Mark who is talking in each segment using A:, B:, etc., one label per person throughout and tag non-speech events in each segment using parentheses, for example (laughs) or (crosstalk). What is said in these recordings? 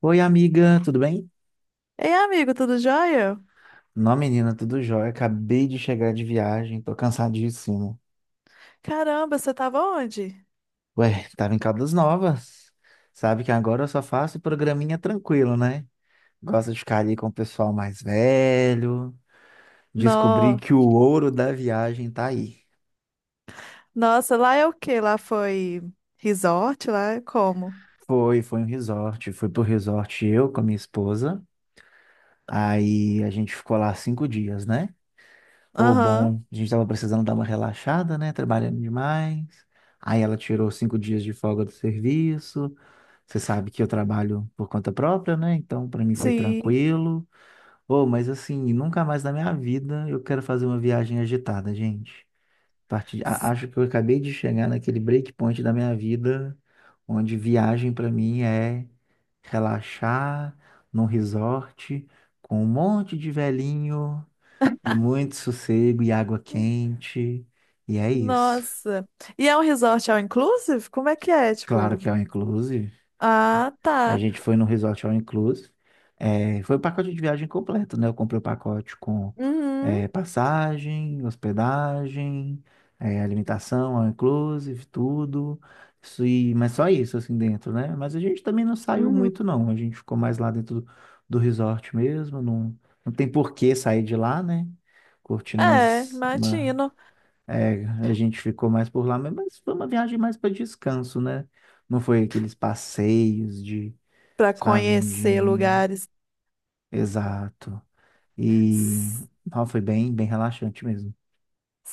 A: Oi, amiga, tudo bem?
B: Ei, amigo, tudo jóia?
A: Não, menina, tudo jóia. Acabei de chegar de viagem, tô cansadíssimo.
B: Caramba, você tava onde?
A: Ué, tava em Caldas Novas. Sabe que agora eu só faço programinha tranquilo, né? Gosto de ficar ali com o pessoal mais velho. Descobri
B: No...
A: que o ouro da viagem tá aí.
B: Nossa, lá é o quê? Lá foi resort? Lá é como?
A: Foi um resort. Fui pro resort eu com a minha esposa. Aí a gente ficou lá 5 dias, né? Ô,
B: Aham,
A: bom, a gente tava precisando dar uma relaxada, né? Trabalhando demais. Aí ela tirou 5 dias de folga do serviço. Você sabe que eu trabalho por conta própria, né? Então, pra mim foi
B: sim.
A: tranquilo. Ô, mas assim, nunca mais na minha vida eu quero fazer uma viagem agitada, gente.
B: S-
A: Acho que eu acabei de chegar naquele breakpoint da minha vida, onde viagem pra mim é relaxar num resort com um monte de velhinho. E muito sossego e água quente. E é isso.
B: Nossa. E é um resort all inclusive? Como é que é,
A: Claro
B: tipo?
A: que é all inclusive.
B: Ah,
A: A
B: tá.
A: gente foi num resort all inclusive. É, foi o pacote de viagem completo, né? Eu comprei o pacote com
B: Uhum,
A: passagem, hospedagem, alimentação, all inclusive, tudo. Isso, e, mas só isso, assim, dentro, né? Mas a gente também não saiu
B: uhum.
A: muito, não. A gente ficou mais lá dentro do resort mesmo. Não, não tem por que sair de lá, né? Curtindo
B: É,
A: umas, uma-
B: imagino.
A: É, a gente ficou mais por lá, mas foi uma viagem mais para descanso, né? Não foi aqueles passeios de,
B: Pra
A: sabe,
B: conhecer
A: de...
B: lugares.
A: Exato. E ó, foi bem, bem relaxante mesmo.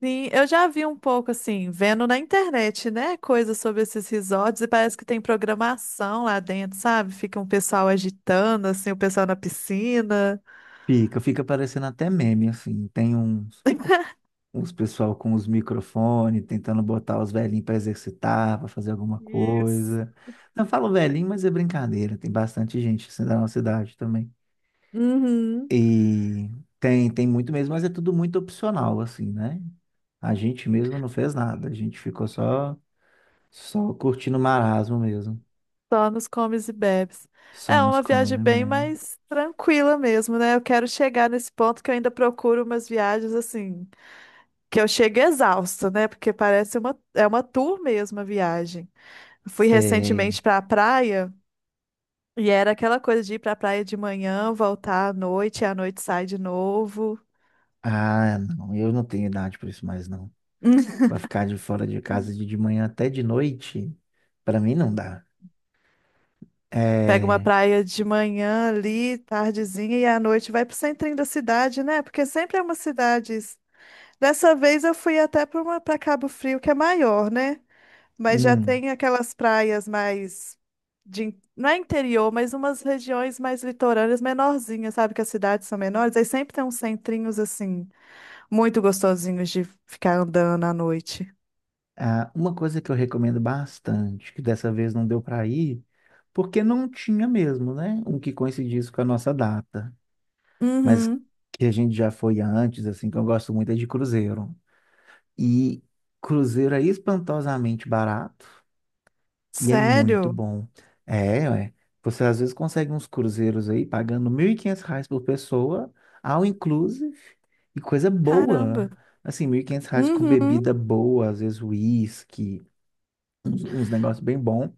B: Sim, eu já vi um pouco assim, vendo na internet, né? Coisas sobre esses resorts e parece que tem programação lá dentro, sabe? Fica um pessoal agitando, assim, o pessoal na piscina.
A: Fica parecendo até meme, assim. Tem uns,
B: (laughs)
A: uns pessoal com os microfones tentando botar os velhinhos para exercitar, para fazer alguma
B: Isso.
A: coisa. Não falo velhinho, mas é brincadeira. Tem bastante gente assim da nossa idade também.
B: Uhum.
A: E tem muito mesmo, mas é tudo muito opcional, assim, né? A gente mesmo não fez nada. A gente ficou só curtindo o marasmo mesmo.
B: Só nos comes e bebes.
A: Só
B: É
A: nos
B: uma
A: comes,
B: viagem bem mais tranquila mesmo, né? Eu quero chegar nesse ponto que eu ainda procuro umas viagens assim, que eu chego exausta, né? Porque parece uma, é uma tour mesmo a viagem. Eu fui
A: sei.
B: recentemente para a praia. E era aquela coisa de ir pra praia de manhã, voltar à noite, e à noite sai de novo.
A: Ah, não. Eu não tenho idade para isso mais, não.
B: (laughs)
A: Vai ficar de fora de casa de manhã até de noite? Para mim não dá.
B: Pega uma
A: É.
B: praia de manhã ali, tardezinha, e à noite vai pro centrinho da cidade, né? Porque sempre é uma cidade. Dessa vez eu fui até pra uma, para Cabo Frio, que é maior, né? Mas já
A: hum,
B: tem aquelas praias mais de, in- não é interior, mas umas regiões mais litorâneas, menorzinhas, sabe? Que as cidades são menores, aí sempre tem uns centrinhos assim, muito gostosinhos de ficar andando à noite.
A: ah, uma coisa que eu recomendo bastante, que dessa vez não deu para ir, porque não tinha mesmo, né? Um que coincidisse com a nossa data. Mas
B: Uhum.
A: que a gente já foi antes, assim, que eu gosto muito é de cruzeiro. E cruzeiro é espantosamente barato e é muito
B: Sério?
A: bom. É, ué. Você às vezes consegue uns cruzeiros aí pagando R$ 1.500 por pessoa, all inclusive, e coisa boa.
B: Caramba.
A: Assim, R$ 1.500 com
B: Uhum.
A: bebida boa, às vezes uísque, uns negócios bem bom.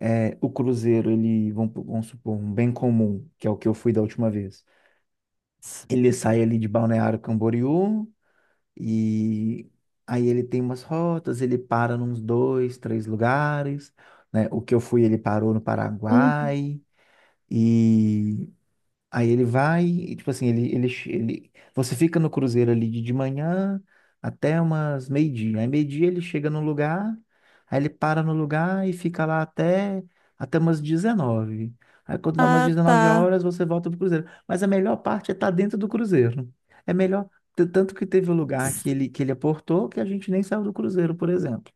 A: É, o cruzeiro, ele, vamos supor, um bem comum, que é o que eu fui da última vez. Ele sai ali de Balneário Camboriú, e aí ele tem umas rotas, ele para nos dois, três lugares, né? O que eu fui, ele parou no
B: Uhum.
A: Paraguai. E aí ele vai, e, tipo assim, você fica no cruzeiro ali de manhã até umas meio-dia. Aí meio-dia ele chega no lugar, aí ele para no lugar e fica lá até umas dezenove. Aí quando dá umas
B: Ah,
A: 19
B: tá.
A: horas, você volta pro cruzeiro. Mas a melhor parte é estar dentro do cruzeiro. É melhor, tanto que teve um lugar que ele aportou que a gente nem saiu do cruzeiro, por exemplo.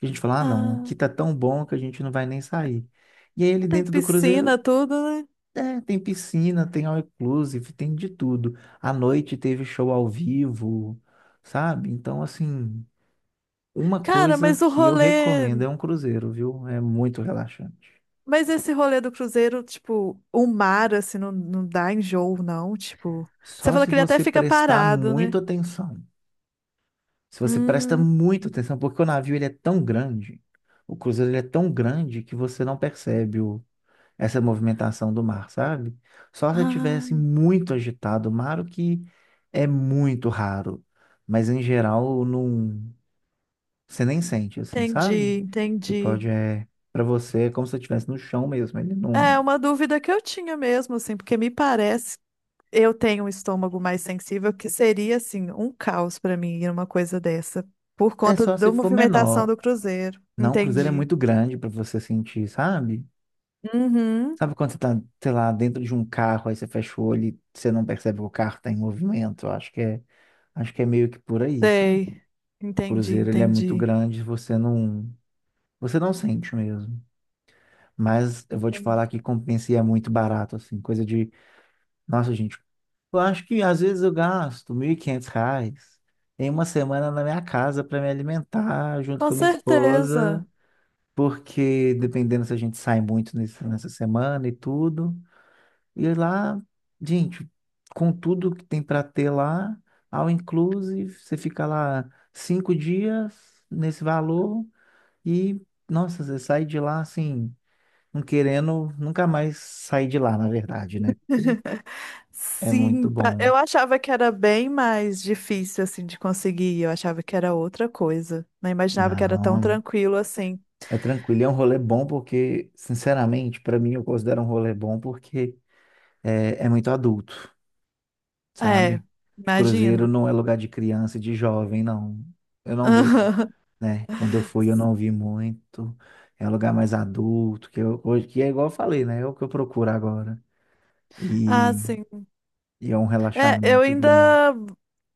A: A gente falou, ah, não,
B: Ah,
A: aqui tá tão bom que a gente não vai nem sair. E aí ele
B: tem
A: dentro do cruzeiro
B: piscina, tudo, né?
A: tem piscina, tem all inclusive, tem de tudo. À noite teve show ao vivo, sabe? Então, assim, uma
B: Cara,
A: coisa
B: mas o
A: que eu
B: rolê.
A: recomendo é um cruzeiro, viu? É muito relaxante.
B: Mas esse rolê do cruzeiro, tipo, o mar, assim, não, não dá enjoo, não. Tipo, você
A: Só
B: falou
A: se
B: que ele até
A: você
B: fica
A: prestar
B: parado, né?
A: muito atenção. Se você presta
B: Hum,
A: muito atenção, porque o navio ele é tão grande, o cruzeiro ele é tão grande que você não percebe essa movimentação do mar, sabe? Só se eu tivesse
B: ah,
A: muito agitado o mar, o que é muito raro. Mas em geral, não, você nem sente assim, sabe?
B: entendi,
A: Você
B: entendi.
A: pode, é, para você, é como se você estivesse no chão mesmo. Ele não.
B: É uma dúvida que eu tinha mesmo, assim, porque me parece. Eu tenho um estômago mais sensível, que seria, assim, um caos pra mim ir uma coisa dessa, por
A: É
B: conta
A: só se
B: da
A: for
B: movimentação
A: menor.
B: do cruzeiro.
A: Não, o cruzeiro é
B: Entendi.
A: muito grande para você sentir, sabe?
B: Uhum,
A: Sabe quando você tá, sei lá, dentro de um carro, aí você fecha o olho e você não percebe que o carro tá em movimento? Eu acho que é meio que por aí, sabe?
B: sei.
A: O
B: Entendi,
A: cruzeiro, ele é muito
B: entendi.
A: grande, você não sente mesmo. Mas eu vou te falar
B: Entendi.
A: que compensa e é muito barato, assim. Coisa de. Nossa, gente, eu acho que às vezes eu gasto R$ 1.500 em uma semana na minha casa para me alimentar junto
B: Com
A: com a minha
B: certeza.
A: esposa. Porque dependendo se a gente sai muito nessa semana e tudo. E lá, gente, com tudo que tem para ter lá, ao inclusive, você fica lá 5 dias nesse valor e, nossa, você sai de lá assim. Não querendo nunca mais sair de lá, na verdade, né? Porque
B: (laughs)
A: é
B: Sim,
A: muito
B: pa-
A: bom.
B: eu achava que era bem mais difícil, assim, de conseguir. Eu achava que era outra coisa. Não imaginava que era tão
A: Não,
B: tranquilo assim.
A: é tranquilo. É um rolê bom porque, sinceramente, pra mim eu considero um rolê bom porque é muito adulto,
B: É,
A: sabe? Cruzeiro
B: imagino.
A: não é lugar de criança e de jovem, não. Eu não vejo,
B: (laughs)
A: né? Quando eu fui, eu não vi muito. É um lugar mais adulto, que eu, hoje, que é igual eu falei, né? É o que eu procuro agora.
B: Ah,
A: E,
B: sim.
A: e é um
B: É, eu
A: relaxamento
B: ainda
A: bom.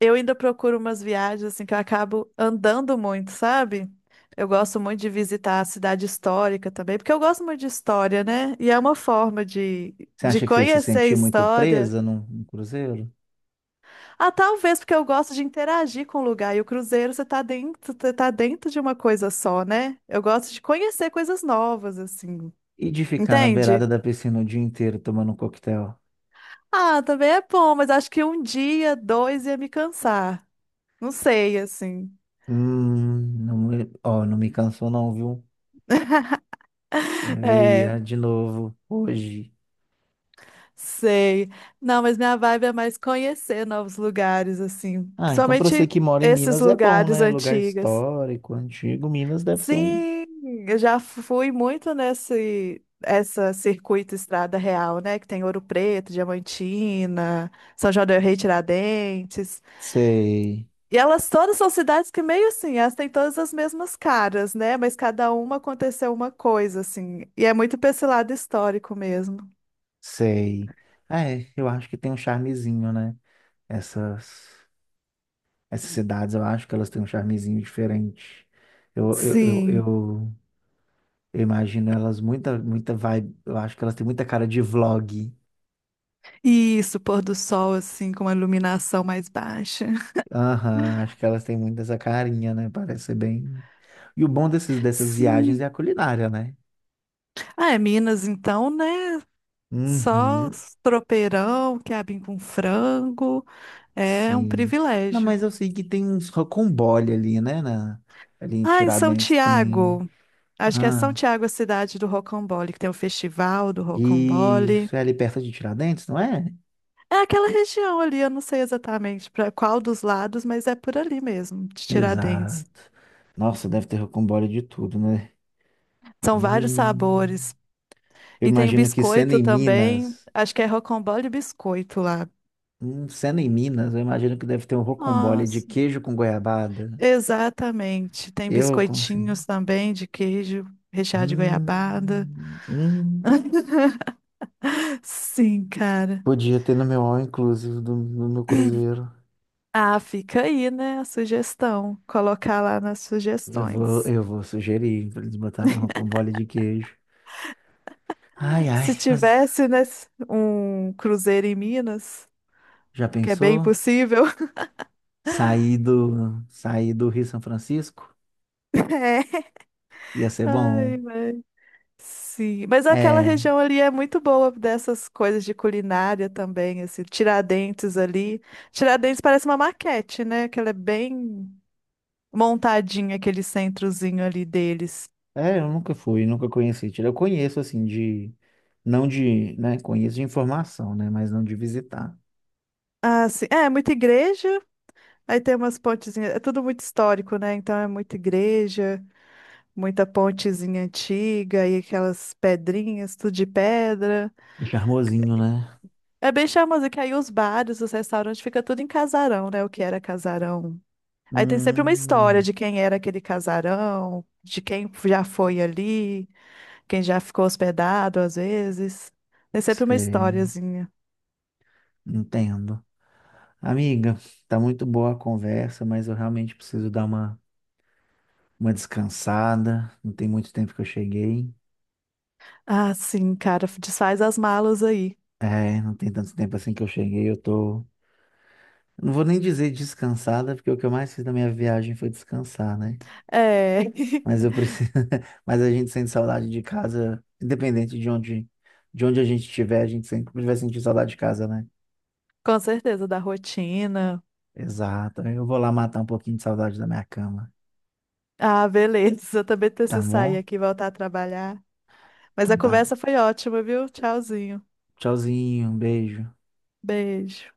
B: eu ainda procuro umas viagens assim que eu acabo andando muito, sabe? Eu gosto muito de visitar a cidade histórica também, porque eu gosto muito de história, né? E é uma forma
A: Você
B: de
A: acha que você se
B: conhecer a
A: sentiu muito
B: história.
A: presa num cruzeiro?
B: Ah, talvez porque eu gosto de interagir com o lugar. E o cruzeiro você tá dentro de uma coisa só, né? Eu gosto de conhecer coisas novas, assim.
A: E de ficar na beirada
B: Entende?
A: da piscina o dia inteiro tomando um coquetel?
B: Ah, também é bom, mas acho que um dia, dois ia me cansar. Não sei, assim.
A: Não, ó, não me cansou não, viu? Eu
B: É.
A: iria de novo hoje.
B: Sei. Não, mas minha vibe é mais conhecer novos lugares, assim.
A: Ah, então pra você
B: Principalmente
A: que mora em
B: esses
A: Minas é bom,
B: lugares
A: né? Lugar
B: antigos.
A: histórico, antigo. Minas deve ser um...
B: Sim, eu já fui muito nesse essa circuito Estrada Real, né? Que tem Ouro Preto, Diamantina, São João del Rei, Tiradentes.
A: Sei,
B: E elas todas são cidades que meio assim, elas têm todas as mesmas caras, né? Mas cada uma aconteceu uma coisa, assim. E é muito pra esse lado histórico mesmo.
A: sei. Ah, é, eu acho que tem um charmezinho, né? Essas, essas cidades, eu acho que elas têm um charmezinho diferente. Eu, eu, eu,
B: Sim.
A: eu Eu imagino elas muita, muita vibe. Eu acho que elas têm muita cara de vlog.
B: Isso, pôr do sol, assim, com uma iluminação mais baixa.
A: Aham, acho que elas têm muito essa carinha, né? Parece ser bem. E o bom dessas viagens é
B: Sim.
A: a culinária, né?
B: Ah, é Minas, então, né? Só
A: Uhum,
B: tropeirão, quiabinho com frango. É um
A: sim. Não,
B: privilégio.
A: mas eu sei que tem uns rocambole ali, né? Ali em
B: Ah, em São
A: Tiradentes tem.
B: Tiago. Acho que é São
A: Ah,
B: Tiago a cidade do Rocambole, que tem o festival do Rocambole.
A: isso é ali perto de Tiradentes, não é?
B: É aquela região ali, eu não sei exatamente para qual dos lados, mas é por ali mesmo, de Tiradentes.
A: Exato. Nossa, deve ter rocambole de tudo, né?
B: São vários
A: Hum.
B: sabores.
A: Eu
B: E tem
A: imagino que sendo
B: biscoito
A: em
B: também.
A: Minas.
B: Acho que é rocambole e biscoito lá.
A: Sendo em Minas, eu imagino que deve ter um rocambole de
B: Nossa,
A: queijo com goiabada.
B: exatamente. Tem
A: Eu consigo.
B: biscoitinhos também de queijo, recheado de goiabada.
A: Hum, hum.
B: Sim, cara.
A: Podia ter no meu all inclusive do meu cruzeiro.
B: Ah, fica aí, né, a sugestão. Colocar lá nas
A: Eu vou,
B: sugestões.
A: eu vou sugerir para eles botarem um rocambole de queijo. Ai, ai,
B: Se
A: mas
B: tivesse, né, um cruzeiro em Minas,
A: já
B: que é bem
A: pensou?
B: possível.
A: Sair do Rio São Francisco?
B: (laughs) É.
A: Ia ser bom.
B: Ai, mas... Sim, mas aquela
A: É,
B: região ali é muito boa dessas coisas de culinária também, assim, Tiradentes ali. Tiradentes parece uma maquete, né? Que ela é bem montadinho aquele centrozinho ali deles.
A: eu nunca fui, nunca conheci. Eu conheço assim de, não de, né, conheço de informação, né, mas não de visitar.
B: Ah, sim. É, muita igreja, aí tem umas pontezinhas. É tudo muito histórico, né? Então é muita igreja, muita pontezinha antiga e aquelas pedrinhas, tudo de pedra.
A: Charmosinho, né?
B: É bem charmoso, que aí os bares, os restaurantes, fica tudo em casarão, né? O que era casarão. Aí tem sempre uma história
A: Hum,
B: de quem era aquele casarão, de quem já foi ali, quem já ficou hospedado às vezes. Tem sempre uma
A: sei,
B: historiazinha.
A: entendo. Amiga, tá muito boa a conversa, mas eu realmente preciso dar uma descansada. Não tem muito tempo que eu cheguei.
B: Ah, sim, cara, desfaz as malas aí.
A: É, não tem tanto tempo assim que eu cheguei. Eu tô. Não vou nem dizer descansada, porque o que eu mais fiz na minha viagem foi descansar, né?
B: É, (laughs)
A: Mas eu preciso. (laughs) Mas a gente sente saudade de casa, independente de onde, a gente estiver, a gente sempre vai sentir saudade de casa, né?
B: com certeza, da rotina.
A: Exato. Eu vou lá matar um pouquinho de saudade da minha cama.
B: Ah, beleza, (laughs) eu também
A: Tá
B: preciso sair
A: bom?
B: aqui e voltar a trabalhar. Mas a
A: Então tá.
B: conversa foi ótima, viu? Tchauzinho.
A: Tchauzinho, um beijo.
B: Beijo.